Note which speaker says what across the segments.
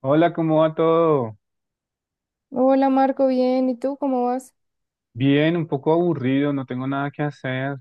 Speaker 1: Hola, ¿cómo va todo?
Speaker 2: Hola Marco, bien. ¿Y tú cómo vas?
Speaker 1: Bien, un poco aburrido, no tengo nada que hacer.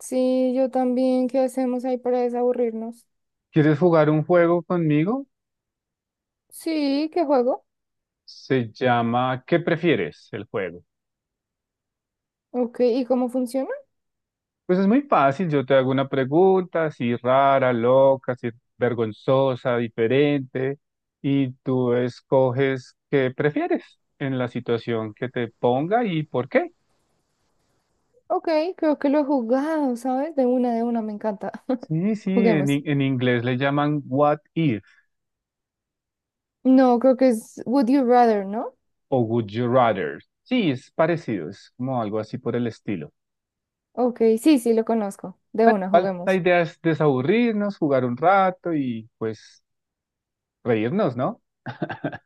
Speaker 2: Sí, yo también. ¿Qué hacemos ahí para desaburrirnos?
Speaker 1: ¿Quieres jugar un juego conmigo?
Speaker 2: Sí, ¿qué juego?
Speaker 1: Se llama ¿Qué prefieres el juego?
Speaker 2: Ok, ¿y cómo funciona?
Speaker 1: Pues es muy fácil, yo te hago una pregunta, si rara, loca, si vergonzosa, diferente, y tú escoges qué prefieres en la situación que te ponga y por qué.
Speaker 2: Ok, creo que lo he jugado, ¿sabes? De una, me encanta.
Speaker 1: Sí, sí, en,
Speaker 2: Juguemos.
Speaker 1: in- en inglés le llaman what if
Speaker 2: No, creo que es Would You Rather, ¿no?
Speaker 1: o would you rather. Sí, es parecido, es como algo así por el estilo.
Speaker 2: Ok, sí, sí, lo conozco. De una,
Speaker 1: Igual, la
Speaker 2: juguemos.
Speaker 1: idea es desaburrirnos, jugar un rato y pues reírnos, ¿no?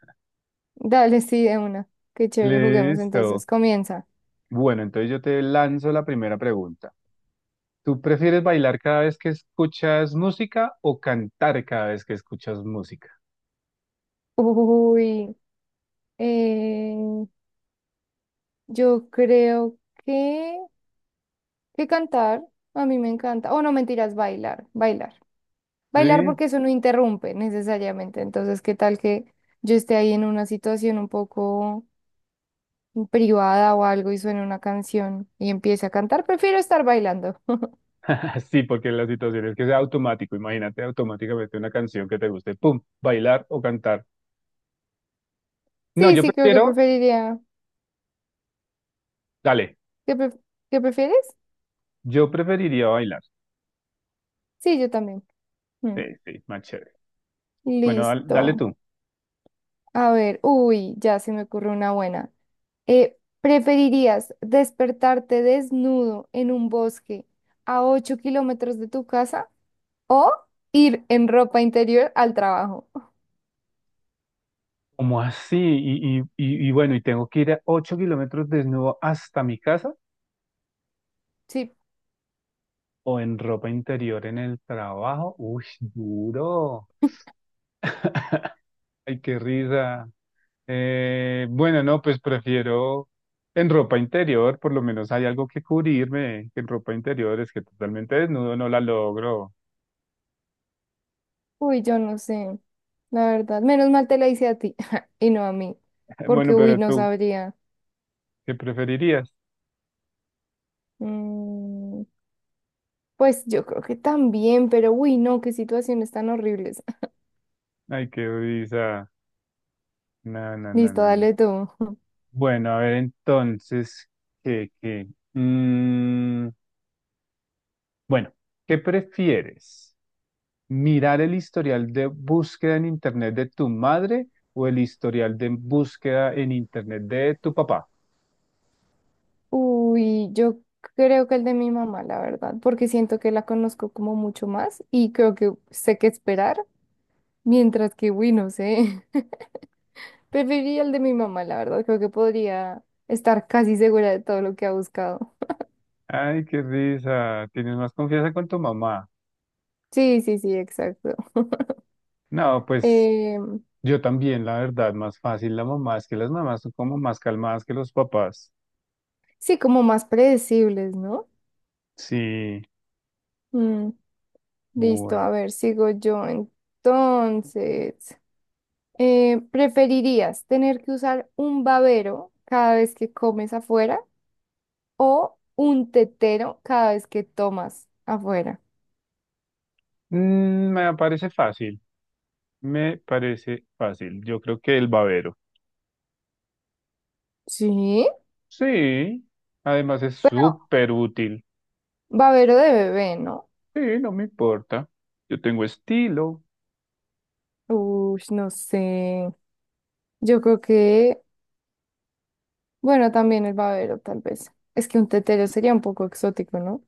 Speaker 2: Dale, sí, de una. Qué chévere, juguemos
Speaker 1: Listo.
Speaker 2: entonces. Comienza.
Speaker 1: Bueno, entonces yo te lanzo la primera pregunta. ¿Tú prefieres bailar cada vez que escuchas música o cantar cada vez que escuchas música?
Speaker 2: Uy, eh, yo creo que... Que cantar, a mí me encanta. O no, mentiras, bailar, bailar. Bailar
Speaker 1: Sí.
Speaker 2: porque eso no interrumpe necesariamente. Entonces, ¿qué tal que yo esté ahí en una situación un poco privada o algo y suene una canción y empiece a cantar? Prefiero estar bailando.
Speaker 1: Sí, porque la situación es que sea automático. Imagínate automáticamente una canción que te guste. ¡Pum! Bailar o cantar. No,
Speaker 2: Sí,
Speaker 1: yo
Speaker 2: sí, creo que
Speaker 1: prefiero.
Speaker 2: preferiría.
Speaker 1: Dale,
Speaker 2: ¿Qué, qué prefieres?
Speaker 1: yo preferiría bailar.
Speaker 2: Sí, yo también. Mm.
Speaker 1: Sí, sí, más chévere. Bueno, dale
Speaker 2: Listo.
Speaker 1: tú.
Speaker 2: A ver, uy, ya se me ocurre una buena. ¿Preferirías despertarte desnudo en un bosque a 8 kilómetros de tu casa? O ir en ropa interior al trabajo.
Speaker 1: ¿Cómo así? Y bueno, ¿y tengo que ir a 8 kilómetros desnudo hasta mi casa
Speaker 2: Sí,
Speaker 1: o en ropa interior en el trabajo? Uy, duro. Ay, qué risa. Bueno, no, pues prefiero en ropa interior, por lo menos hay algo que cubrirme, que en ropa interior es que totalmente desnudo no la logro.
Speaker 2: uy, yo no sé, la verdad. Menos mal te la hice a ti y no a mí,
Speaker 1: Bueno,
Speaker 2: porque uy,
Speaker 1: pero
Speaker 2: no
Speaker 1: tú,
Speaker 2: sabría.
Speaker 1: ¿qué preferirías?
Speaker 2: Mm, pues yo creo que también, pero uy, no, qué situaciones tan horribles.
Speaker 1: Ay, qué risa. No, no, no,
Speaker 2: Listo,
Speaker 1: no, no.
Speaker 2: dale tú.
Speaker 1: Bueno, a ver, entonces, ¿qué, qué? Mm, Bueno, ¿qué prefieres? ¿Mirar el historial de búsqueda en Internet de tu madre o el historial de búsqueda en Internet de tu papá?
Speaker 2: Uy, yo creo que el de mi mamá, la verdad, porque siento que la conozco como mucho más y creo que sé qué esperar, mientras que, uy, no sé. Preferiría el de mi mamá, la verdad. Creo que podría estar casi segura de todo lo que ha buscado.
Speaker 1: Ay, qué risa. Tienes más confianza con tu mamá.
Speaker 2: Sí, sí, sí, exacto.
Speaker 1: No, pues
Speaker 2: Em,
Speaker 1: yo también, la verdad, más fácil la mamá. Es que las mamás son como más calmadas que los papás.
Speaker 2: sí, como más predecibles, ¿no?
Speaker 1: Sí,
Speaker 2: Mm, listo,
Speaker 1: bueno.
Speaker 2: a ver, sigo yo entonces. Eh, ¿preferirías tener que usar un babero cada vez que comes afuera o un tetero cada vez que tomas afuera?
Speaker 1: Me parece fácil. Me parece fácil. Yo creo que el babero.
Speaker 2: Sí,
Speaker 1: Sí, además es
Speaker 2: pero
Speaker 1: súper útil.
Speaker 2: babero de bebé, ¿no?
Speaker 1: Sí, no me importa. Yo tengo estilo.
Speaker 2: Uy, no sé. Yo creo que bueno, también el babero, tal vez. Es que un tetero sería un poco exótico, ¿no?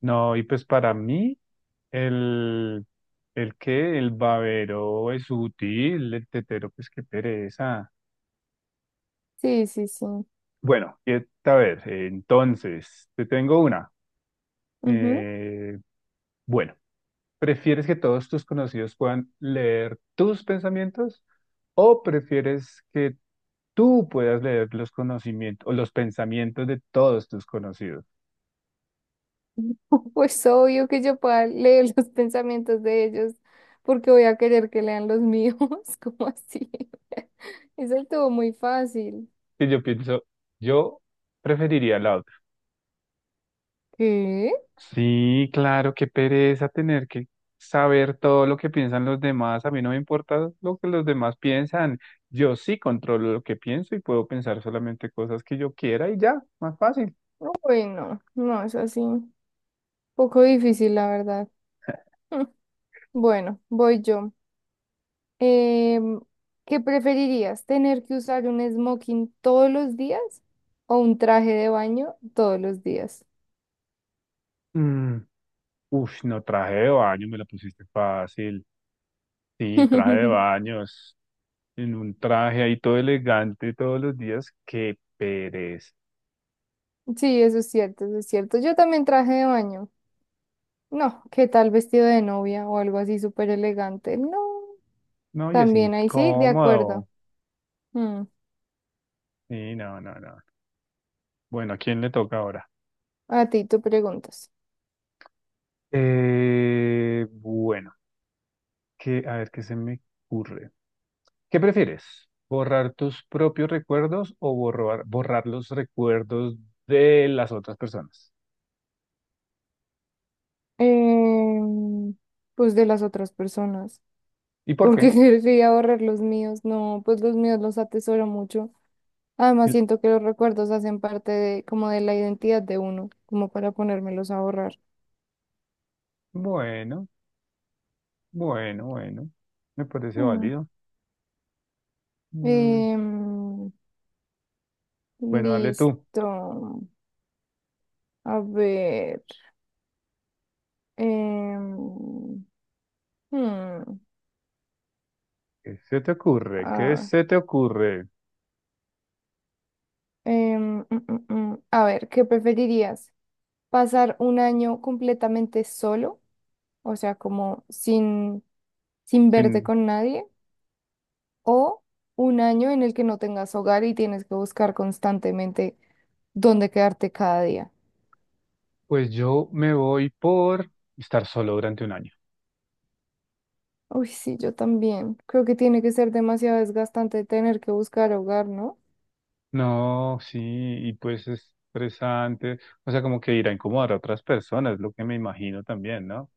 Speaker 1: No, y pues para mí, el, el que el babero es útil, el tetero, pues qué pereza.
Speaker 2: Sí, sí, sí.
Speaker 1: Bueno, y, a ver, entonces, te tengo una.
Speaker 2: Ujú.
Speaker 1: Eh, bueno, ¿prefieres que todos tus conocidos puedan leer tus pensamientos o prefieres que tú puedas leer los conocimientos o los pensamientos de todos tus conocidos?
Speaker 2: Pues obvio que yo pueda leer los pensamientos de ellos, porque voy a querer que lean los míos, como así? Eso estuvo muy fácil.
Speaker 1: Y yo pienso, yo preferiría la otra.
Speaker 2: ¿Qué?
Speaker 1: Sí, claro, qué pereza tener que saber todo lo que piensan los demás. A mí no me importa lo que los demás piensan. Yo sí controlo lo que pienso y puedo pensar solamente cosas que yo quiera y ya, más fácil.
Speaker 2: No, bueno, no, es así. Poco difícil, la verdad. Mm. Bueno, voy yo. Em, ¿Qué preferirías? ¿Tener que usar un smoking todos los días o un traje de baño todos los días?
Speaker 1: Mm, Uf, no traje de baño, me la pusiste fácil. Sí, traje de baños, en un traje ahí todo elegante todos los días. Qué pereza.
Speaker 2: Sí, eso es cierto, eso es cierto. Yo también traje de baño. No, ¿qué tal vestido de novia o algo así súper elegante? No,
Speaker 1: No, y es
Speaker 2: también ahí sí, de
Speaker 1: incómodo.
Speaker 2: acuerdo. Mm.
Speaker 1: Sí, no, no, no. Bueno, ¿a quién le toca ahora?
Speaker 2: A ti, tú preguntas.
Speaker 1: Bueno. Que, a ver, ¿qué se me ocurre? ¿Qué prefieres? ¿Borrar tus propios recuerdos o borrar los recuerdos de las otras personas?
Speaker 2: Em, pues de las otras personas.
Speaker 1: ¿Y por qué?
Speaker 2: Porque querría borrar los míos. No, pues los míos los atesoro mucho. Además,
Speaker 1: Y-
Speaker 2: siento que los recuerdos hacen parte de, como de la identidad de uno, como para ponérmelos a borrar.
Speaker 1: Bueno, bueno, bueno. Me parece
Speaker 2: Mm.
Speaker 1: válido. Mm.
Speaker 2: em,
Speaker 1: Bueno, dale tú.
Speaker 2: listo. A ver. em, hmm,
Speaker 1: ¿Qué se te ocurre? ¿Qué
Speaker 2: ah,
Speaker 1: se te ocurre?
Speaker 2: A ver, ¿qué preferirías? ¿Pasar un año completamente solo? O sea, como sin, sin verte
Speaker 1: Sin...
Speaker 2: con nadie. ¿O un año en el que no tengas hogar y tienes que buscar constantemente dónde quedarte cada día?
Speaker 1: Pues yo me voy por estar solo durante un año.
Speaker 2: Uy, sí, yo también. Creo que tiene que ser demasiado desgastante tener que buscar hogar, ¿no?
Speaker 1: No, sí, y pues es estresante. O sea, como que ir a incomodar a otras personas, lo que me imagino también, ¿no?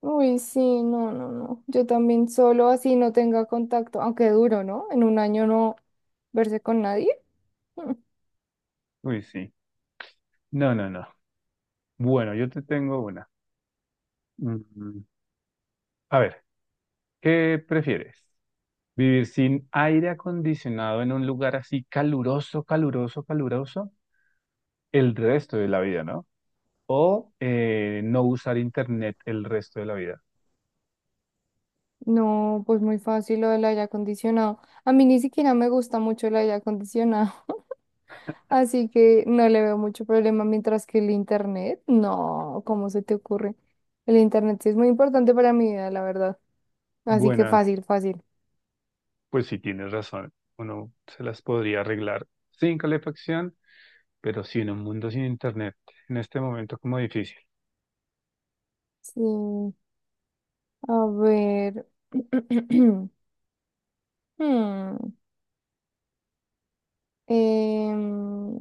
Speaker 2: Uy, sí, no, no, no. Yo también solo así no tenga contacto, aunque duro, ¿no? En un año no verse con nadie. Mm.
Speaker 1: Uy, sí. No, no, no. Bueno, yo te tengo una. Mm, A ver, ¿qué prefieres? ¿Vivir sin aire acondicionado en un lugar así caluroso, caluroso, caluroso el resto de la vida, no? O no usar internet el resto de la vida.
Speaker 2: No, pues muy fácil lo del aire acondicionado. A mí ni siquiera me gusta mucho el aire acondicionado, así que no le veo mucho problema, mientras que el internet, no, ¿cómo se te ocurre? El internet sí es muy importante para mi vida, la verdad. Así que
Speaker 1: Buena,
Speaker 2: fácil, fácil.
Speaker 1: pues sí tienes razón. Uno se las podría arreglar sin calefacción, pero sí en un mundo sin internet, en este momento como difícil.
Speaker 2: Sí, a ver. Hmm, em,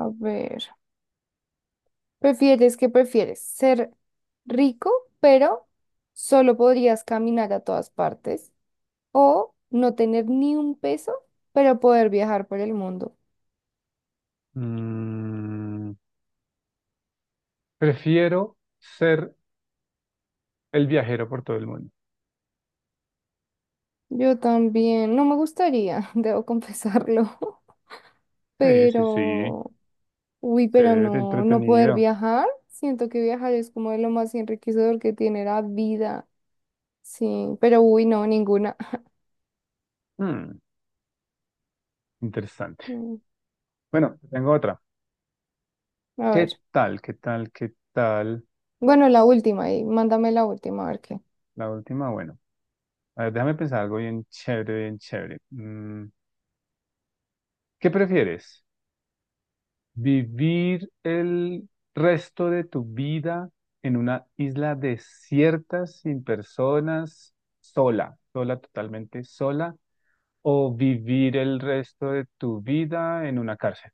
Speaker 2: a ver, ¿prefieres que prefieres? ¿Ser rico, pero solo podrías caminar a todas partes? ¿O no tener ni un peso, pero poder viajar por el mundo?
Speaker 1: Mm, Prefiero ser el viajero por todo el mundo.
Speaker 2: Yo también, no me gustaría, debo confesarlo,
Speaker 1: Sí, sí, sí.
Speaker 2: pero, uy, pero
Speaker 1: Ser
Speaker 2: no, no poder
Speaker 1: entretenido.
Speaker 2: viajar. Siento que viajar es como de lo más enriquecedor que tiene la vida. Sí, pero uy, no, ninguna.
Speaker 1: Hmm, interesante.
Speaker 2: Mm.
Speaker 1: Bueno, tengo otra.
Speaker 2: A ver,
Speaker 1: ¿Qué tal? ¿Qué tal? ¿Qué tal?
Speaker 2: bueno, la última y mándame la última, a ver qué.
Speaker 1: La última, bueno. A ver, déjame pensar algo bien chévere, bien chévere. ¿Qué prefieres? ¿Vivir el resto de tu vida en una isla desierta, sin personas, sola, sola, totalmente sola? ¿O vivir el resto de tu vida en una cárcel?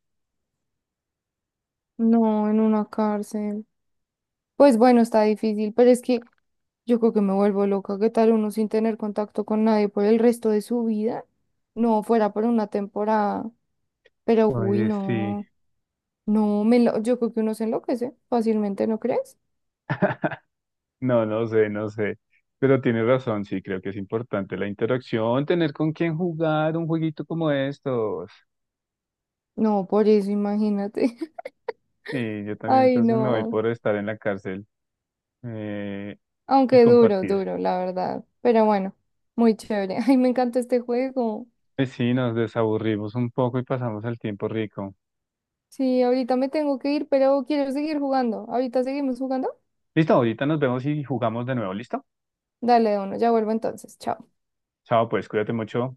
Speaker 2: No, en una cárcel. Pues bueno, está difícil, pero es que yo creo que me vuelvo loca. ¿Qué tal uno sin tener contacto con nadie por el resto de su vida? No, fuera por una temporada. Pero uy,
Speaker 1: Oye, sí.
Speaker 2: no, yo creo que uno se enloquece fácilmente, ¿no crees?
Speaker 1: No, no sé, no sé. Pero tienes razón, sí, creo que es importante la interacción, tener con quién jugar un jueguito como estos.
Speaker 2: No, por eso imagínate.
Speaker 1: Sí, yo también
Speaker 2: Ay,
Speaker 1: entonces me voy
Speaker 2: no.
Speaker 1: por estar en la cárcel, eh, y
Speaker 2: Aunque duro,
Speaker 1: compartir.
Speaker 2: duro, la verdad. Pero bueno, muy chévere. Ay, me encanta este juego.
Speaker 1: Pues sí, nos desaburrimos un poco y pasamos el tiempo rico.
Speaker 2: Sí, ahorita me tengo que ir, pero quiero seguir jugando. Ahorita seguimos jugando.
Speaker 1: Listo, ahorita nos vemos y jugamos de nuevo, ¿listo?
Speaker 2: Dale, de uno, ya vuelvo entonces. Chao.
Speaker 1: Chao, pues cuídate mucho.